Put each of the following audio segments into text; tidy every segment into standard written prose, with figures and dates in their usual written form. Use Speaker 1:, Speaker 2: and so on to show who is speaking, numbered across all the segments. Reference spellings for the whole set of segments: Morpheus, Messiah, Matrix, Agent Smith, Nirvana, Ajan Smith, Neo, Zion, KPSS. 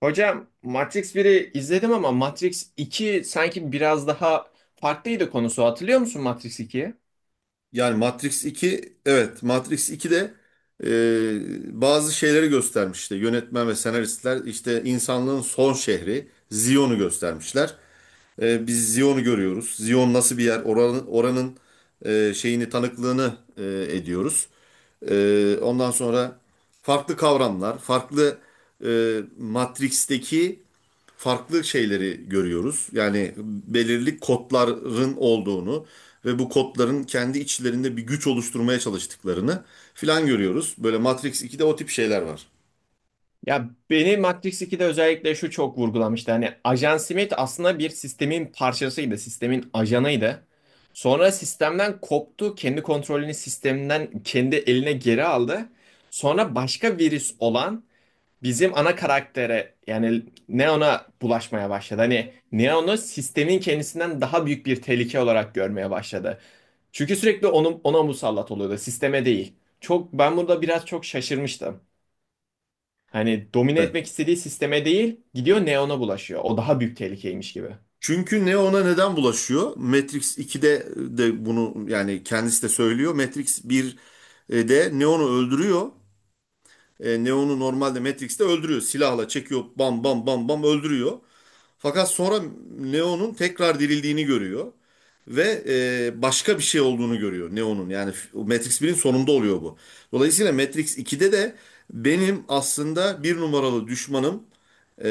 Speaker 1: Hocam Matrix biri izledim ama Matrix iki sanki biraz daha farklıydı konusu. Hatırlıyor musun Matrix 2'yi?
Speaker 2: Yani Matrix 2, evet, Matrix 2 de bazı şeyleri göstermişti. Yönetmen ve senaristler işte insanlığın son şehri Zion'u göstermişler. Biz Zion'u görüyoruz. Zion nasıl bir yer? Oranın şeyini, tanıklığını ediyoruz. Ondan sonra farklı kavramlar, farklı Matrix'teki farklı şeyleri görüyoruz. Yani belirli kodların olduğunu ve bu kodların kendi içlerinde bir güç oluşturmaya çalıştıklarını filan görüyoruz. Böyle Matrix 2'de o tip şeyler var.
Speaker 1: Ya beni Matrix 2'de özellikle şu çok vurgulamıştı. Hani Ajan Smith aslında bir sistemin parçasıydı, sistemin ajanıydı. Sonra sistemden koptu, kendi kontrolünü sisteminden kendi eline geri aldı. Sonra başka virüs olan bizim ana karaktere yani Neo'na bulaşmaya başladı. Hani Neo'nu sistemin kendisinden daha büyük bir tehlike olarak görmeye başladı. Çünkü sürekli onu, ona musallat oluyordu, sisteme değil. Çok ben burada biraz çok şaşırmıştım. Hani domine etmek istediği sisteme değil, gidiyor Neo'na bulaşıyor. O daha büyük tehlikeymiş gibi.
Speaker 2: Çünkü ne, ona neden bulaşıyor? Matrix 2'de de bunu yani kendisi de söylüyor. Matrix 1 de Neo'nu öldürüyor. Neo'nu normalde Matrix'te öldürüyor. Silahla çekiyor, bam bam bam bam öldürüyor. Fakat sonra Neo'nun tekrar dirildiğini görüyor. Ve başka bir şey olduğunu görüyor Neo'nun. Yani Matrix 1'in sonunda oluyor bu. Dolayısıyla Matrix 2'de de benim aslında bir numaralı düşmanım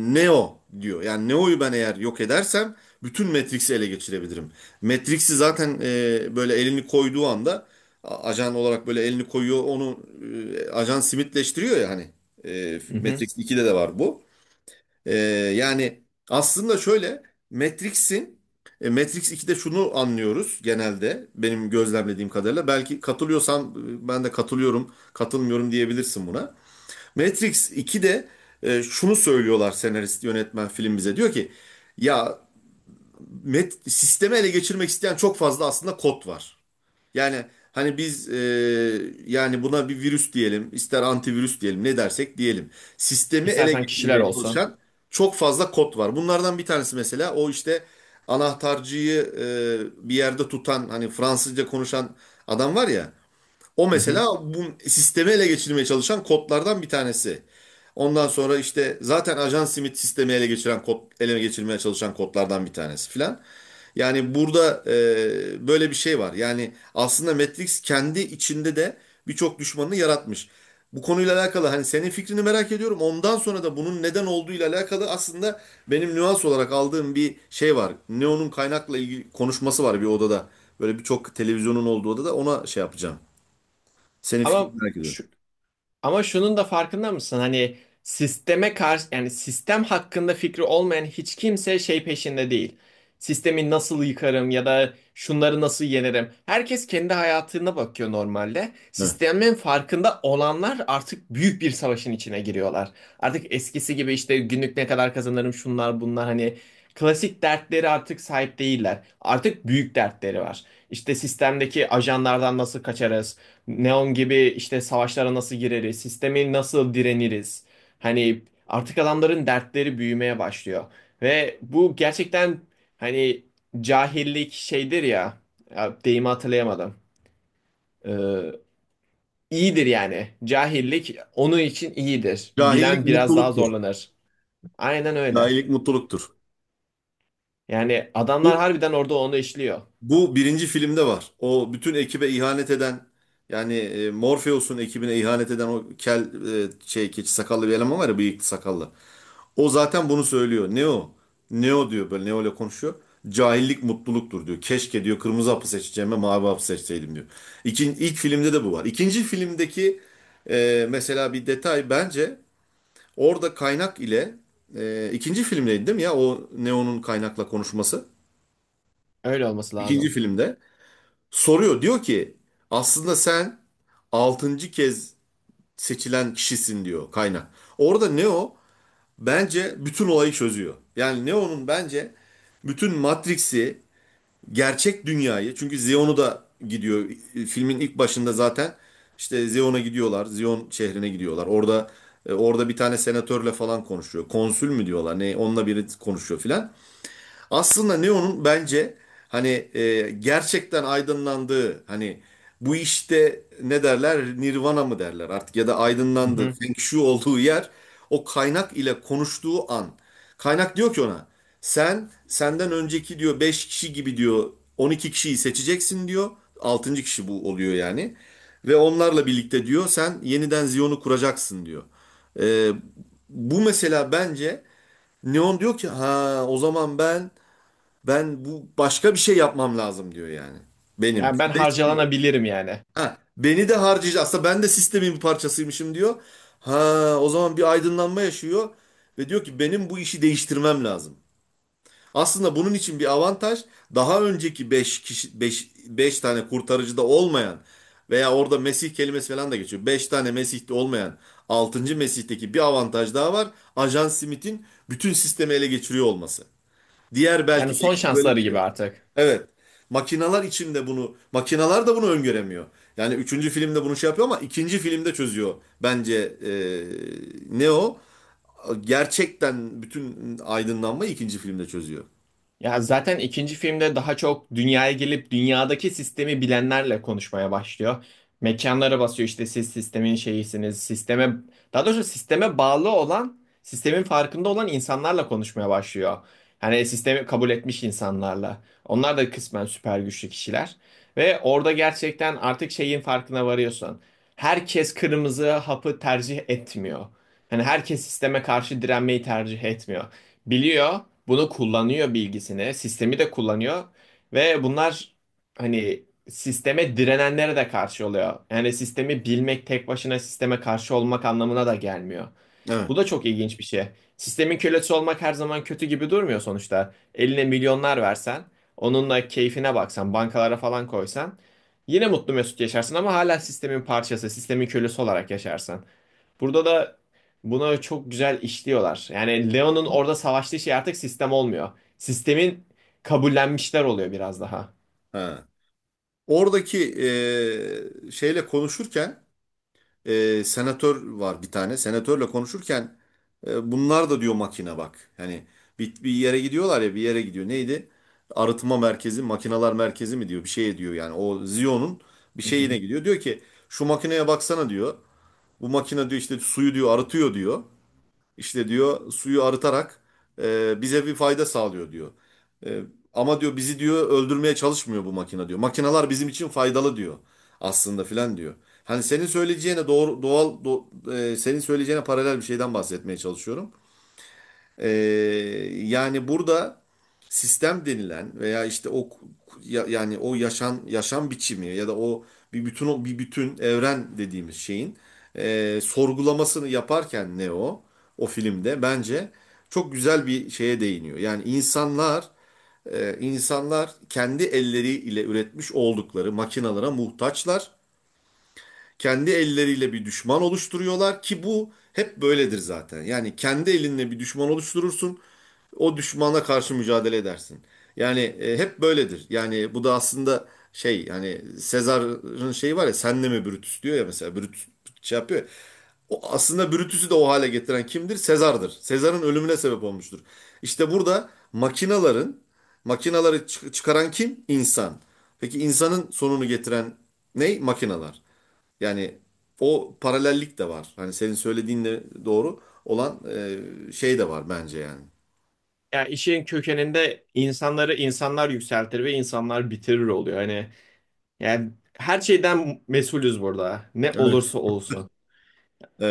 Speaker 2: Neo diyor. Yani Neo'yu ben eğer yok edersem bütün Matrix'i ele geçirebilirim. Matrix'i zaten böyle elini koyduğu anda, ajan olarak böyle elini koyuyor, onu ajan simitleştiriyor ya hani.
Speaker 1: Hı hı.
Speaker 2: Matrix 2'de de var bu. E, yani aslında şöyle, Matrix'in Matrix 2'de şunu anlıyoruz, genelde benim gözlemlediğim kadarıyla. Belki katılıyorsan ben de katılıyorum, katılmıyorum diyebilirsin buna. Matrix 2'de şunu söylüyorlar senarist, yönetmen, film bize. Diyor ki ya sistemi ele geçirmek isteyen çok fazla aslında kod var. Yani hani biz yani buna bir virüs diyelim, ister antivirüs diyelim, ne dersek diyelim. Sistemi ele
Speaker 1: İstersen kişiler
Speaker 2: geçirmeye
Speaker 1: olsun.
Speaker 2: çalışan çok fazla kod var. Bunlardan bir tanesi mesela o işte anahtarcıyı bir yerde tutan hani Fransızca konuşan adam var ya. O
Speaker 1: Hı
Speaker 2: mesela
Speaker 1: hı.
Speaker 2: bu sistemi ele geçirmeye çalışan kodlardan bir tanesi. Ondan sonra işte zaten ajan simit sistemi ele geçiren kod, ele geçirmeye çalışan kodlardan bir tanesi filan. Yani burada böyle bir şey var. Yani aslında Matrix kendi içinde de birçok düşmanını yaratmış. Bu konuyla alakalı hani senin fikrini merak ediyorum. Ondan sonra da bunun neden olduğuyla alakalı aslında benim nüans olarak aldığım bir şey var. Neo'nun kaynakla ilgili konuşması var bir odada. Böyle birçok televizyonun olduğu odada ona şey yapacağım. Senin
Speaker 1: Ama
Speaker 2: fikrini merak ediyorum.
Speaker 1: şu, Ama şunun da farkında mısın? Hani sisteme karşı yani sistem hakkında fikri olmayan hiç kimse şey peşinde değil. Sistemi nasıl yıkarım ya da şunları nasıl yenerim? Herkes kendi hayatına bakıyor normalde.
Speaker 2: Heh.
Speaker 1: Sistemin farkında olanlar artık büyük bir savaşın içine giriyorlar. Artık eskisi gibi işte günlük ne kadar kazanırım şunlar bunlar hani klasik dertleri artık sahip değiller. Artık büyük dertleri var. İşte sistemdeki ajanlardan nasıl kaçarız? Neon gibi işte savaşlara nasıl gireriz, sistemi nasıl direniriz. Hani artık adamların dertleri büyümeye başlıyor. Ve bu gerçekten hani cahillik şeydir ya, ya deyimi hatırlayamadım. Ee, iyidir yani. Cahillik onun için iyidir.
Speaker 2: Cahillik
Speaker 1: Bilen biraz daha
Speaker 2: mutluluktur.
Speaker 1: zorlanır. Aynen öyle.
Speaker 2: Cahillik mutluluktur.
Speaker 1: Yani adamlar
Speaker 2: Bu,
Speaker 1: harbiden orada onu işliyor.
Speaker 2: bu birinci filmde var. O bütün ekibe ihanet eden, yani Morpheus'un ekibine ihanet eden o kel şey, keçi sakallı bir eleman var ya, bıyıklı sakallı. O zaten bunu söylüyor. Neo. Neo diyor, böyle Neo ile konuşuyor. Cahillik mutluluktur diyor. Keşke diyor kırmızı hapı seçeceğime mavi hapı seçseydim diyor. İkin, ilk filmde de bu var. İkinci filmdeki mesela bir detay bence, orada kaynak ile, ikinci filmdeydi değil mi ya o Neo'nun kaynakla konuşması?
Speaker 1: Öyle olması
Speaker 2: İkinci
Speaker 1: lazım.
Speaker 2: filmde soruyor, diyor ki aslında sen altıncı kez seçilen kişisin diyor kaynak. Orada Neo bence bütün olayı çözüyor. Yani Neo'nun bence bütün Matrix'i, gerçek dünyayı, çünkü Zion'u da gidiyor. Filmin ilk başında zaten işte Zion'a gidiyorlar. Zion şehrine gidiyorlar. Orada orada bir tane senatörle falan konuşuyor. Konsül mü diyorlar ne, onunla biri konuşuyor filan. Aslında Neo'nun bence hani gerçekten aydınlandığı, hani bu işte ne derler, Nirvana mı derler artık ya da
Speaker 1: Hı
Speaker 2: aydınlandığı,
Speaker 1: hı.
Speaker 2: Feng Shui olduğu yer o kaynak ile konuştuğu an. Kaynak diyor ki ona sen senden önceki diyor 5 kişi gibi diyor 12 kişiyi seçeceksin diyor. Altıncı kişi bu oluyor yani. Ve onlarla birlikte diyor sen yeniden Ziyon'u kuracaksın diyor. E, bu mesela bence, Neon diyor ki ha o zaman ben bu başka bir şey yapmam lazım diyor yani. Benim.
Speaker 1: Yani ben
Speaker 2: 5 kilo.
Speaker 1: harcalanabilirim yani.
Speaker 2: Ha, beni de harcayacak. Aslında ben de sistemin bir parçasıymışım diyor. Ha, o zaman bir aydınlanma yaşıyor ve diyor ki benim bu işi değiştirmem lazım. Aslında bunun için bir avantaj, daha önceki 5 kişi, beş tane kurtarıcıda olmayan veya orada Mesih kelimesi falan da geçiyor. Beş tane Mesih'te olmayan, altıncı Mesih'teki bir avantaj daha var. Ajan Smith'in bütün sistemi ele geçiriyor olması. Diğer
Speaker 1: Yani
Speaker 2: belki
Speaker 1: son
Speaker 2: 5'te böyle bir
Speaker 1: şansları gibi
Speaker 2: şey.
Speaker 1: artık.
Speaker 2: Evet. Makinalar içinde bunu, makinalar da bunu öngöremiyor. Yani üçüncü filmde bunu şey yapıyor ama ikinci filmde çözüyor bence Neo. Gerçekten bütün aydınlanmayı ikinci filmde çözüyor.
Speaker 1: Ya zaten ikinci filmde daha çok dünyaya gelip dünyadaki sistemi bilenlerle konuşmaya başlıyor. Mekanlara basıyor işte siz sistemin şeyisiniz. Sisteme daha doğrusu sisteme bağlı olan, sistemin farkında olan insanlarla konuşmaya başlıyor. Yani sistemi kabul etmiş insanlarla. Onlar da kısmen süper güçlü kişiler ve orada gerçekten artık şeyin farkına varıyorsun. Herkes kırmızı hapı tercih etmiyor. Yani herkes sisteme karşı direnmeyi tercih etmiyor. Biliyor, bunu kullanıyor bilgisini, sistemi de kullanıyor ve bunlar hani sisteme direnenlere de karşı oluyor. Yani sistemi bilmek tek başına sisteme karşı olmak anlamına da gelmiyor.
Speaker 2: Evet.
Speaker 1: Bu da çok ilginç bir şey. Sistemin kölesi olmak her zaman kötü gibi durmuyor sonuçta. Eline milyonlar versen, onunla keyfine baksan, bankalara falan koysan yine mutlu mesut yaşarsın ama hala sistemin parçası, sistemin kölesi olarak yaşarsın. Burada da buna çok güzel işliyorlar. Yani Leon'un orada savaştığı şey artık sistem olmuyor. Sistemin kabullenmişler oluyor biraz daha.
Speaker 2: Ha. Oradaki şeyle konuşurken senatör var bir tane. Senatörle konuşurken bunlar da diyor makine bak. Yani bir yere gidiyorlar ya, bir yere gidiyor. Neydi? Arıtma merkezi, makinalar merkezi mi diyor bir şey diyor yani. O Zion'un bir
Speaker 1: Hı
Speaker 2: şeyine
Speaker 1: hı.
Speaker 2: gidiyor. Diyor ki şu makineye baksana diyor. Bu makine diyor işte suyu diyor arıtıyor diyor. İşte diyor suyu arıtarak bize bir fayda sağlıyor diyor. E, ama diyor bizi diyor öldürmeye çalışmıyor bu makine diyor. Makineler bizim için faydalı diyor aslında filan diyor. Hani senin söyleyeceğine doğru senin söyleyeceğine paralel bir şeyden bahsetmeye çalışıyorum. E, yani burada sistem denilen veya işte o yani o yaşam biçimi ya da o bir bütün evren dediğimiz şeyin sorgulamasını yaparken Neo o filmde bence çok güzel bir şeye değiniyor. Yani insanlar kendi elleriyle üretmiş oldukları makinalara muhtaçlar. Kendi elleriyle bir düşman oluşturuyorlar ki bu hep böyledir zaten. Yani kendi elinle bir düşman oluşturursun, o düşmana karşı mücadele edersin. Yani hep böyledir. Yani bu da aslında şey, yani Sezar'ın şeyi var ya, senle mi Brutus diyor ya mesela, Brutus şey yapıyor ya. O aslında Brutus'u da o hale getiren kimdir? Sezar'dır. Sezar'ın ölümüne sebep olmuştur. İşte burada makinaları çıkaran kim? İnsan. Peki insanın sonunu getiren ne? Makinalar. Yani o paralellik de var. Hani senin söylediğinle doğru olan şey de var bence yani.
Speaker 1: Yani işin kökeninde insanları insanlar yükseltir ve insanlar bitirir oluyor. Hani yani her şeyden mesulüz burada. Ne
Speaker 2: Evet.
Speaker 1: olursa olsun.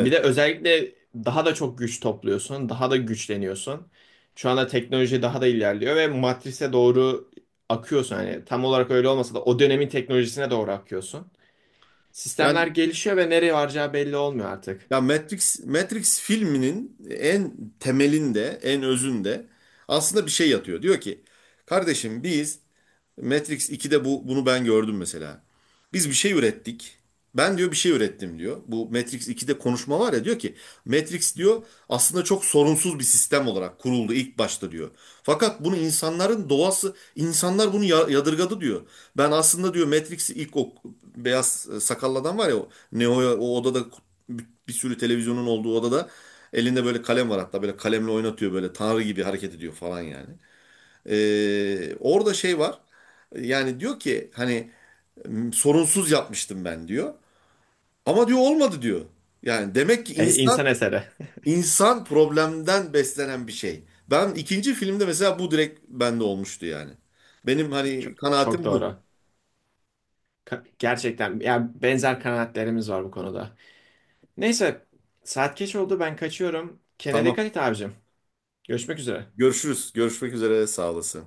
Speaker 1: Bir de özellikle daha da çok güç topluyorsun, daha da güçleniyorsun. Şu anda teknoloji daha da ilerliyor ve matrise doğru akıyorsun. Hani tam olarak öyle olmasa da o dönemin teknolojisine doğru akıyorsun. Sistemler
Speaker 2: Yani
Speaker 1: gelişiyor ve nereye varacağı belli olmuyor artık.
Speaker 2: ya Matrix filminin en temelinde, en özünde aslında bir şey yatıyor. Diyor ki, kardeşim biz Matrix 2'de bunu ben gördüm mesela. Biz bir şey ürettik. Ben diyor bir şey ürettim diyor. Bu Matrix 2'de konuşma var ya, diyor ki Matrix diyor aslında çok sorunsuz bir sistem olarak kuruldu ilk başta diyor. Fakat bunu insanların doğası, insanlar bunu yadırgadı diyor. Ben aslında diyor Matrix'i ilk, o beyaz sakallı adam var ya, o Neo'ya o odada, bir sürü televizyonun olduğu odada elinde böyle kalem var, hatta böyle kalemle oynatıyor, böyle tanrı gibi hareket ediyor falan yani. Orada şey var. Yani diyor ki hani sorunsuz yapmıştım ben diyor. Ama diyor olmadı diyor. Yani demek ki insan
Speaker 1: İnsan eseri.
Speaker 2: insan problemden beslenen bir şey. Ben ikinci filmde mesela bu direkt bende olmuştu yani. Benim hani
Speaker 1: Çok, çok
Speaker 2: kanaatim bu.
Speaker 1: doğru. Gerçekten yani benzer kanaatlerimiz var bu konuda. Neyse saat geç oldu ben kaçıyorum. Kendine
Speaker 2: Tamam.
Speaker 1: dikkat et abicim. Görüşmek üzere.
Speaker 2: Görüşürüz. Görüşmek üzere. Sağ olasın.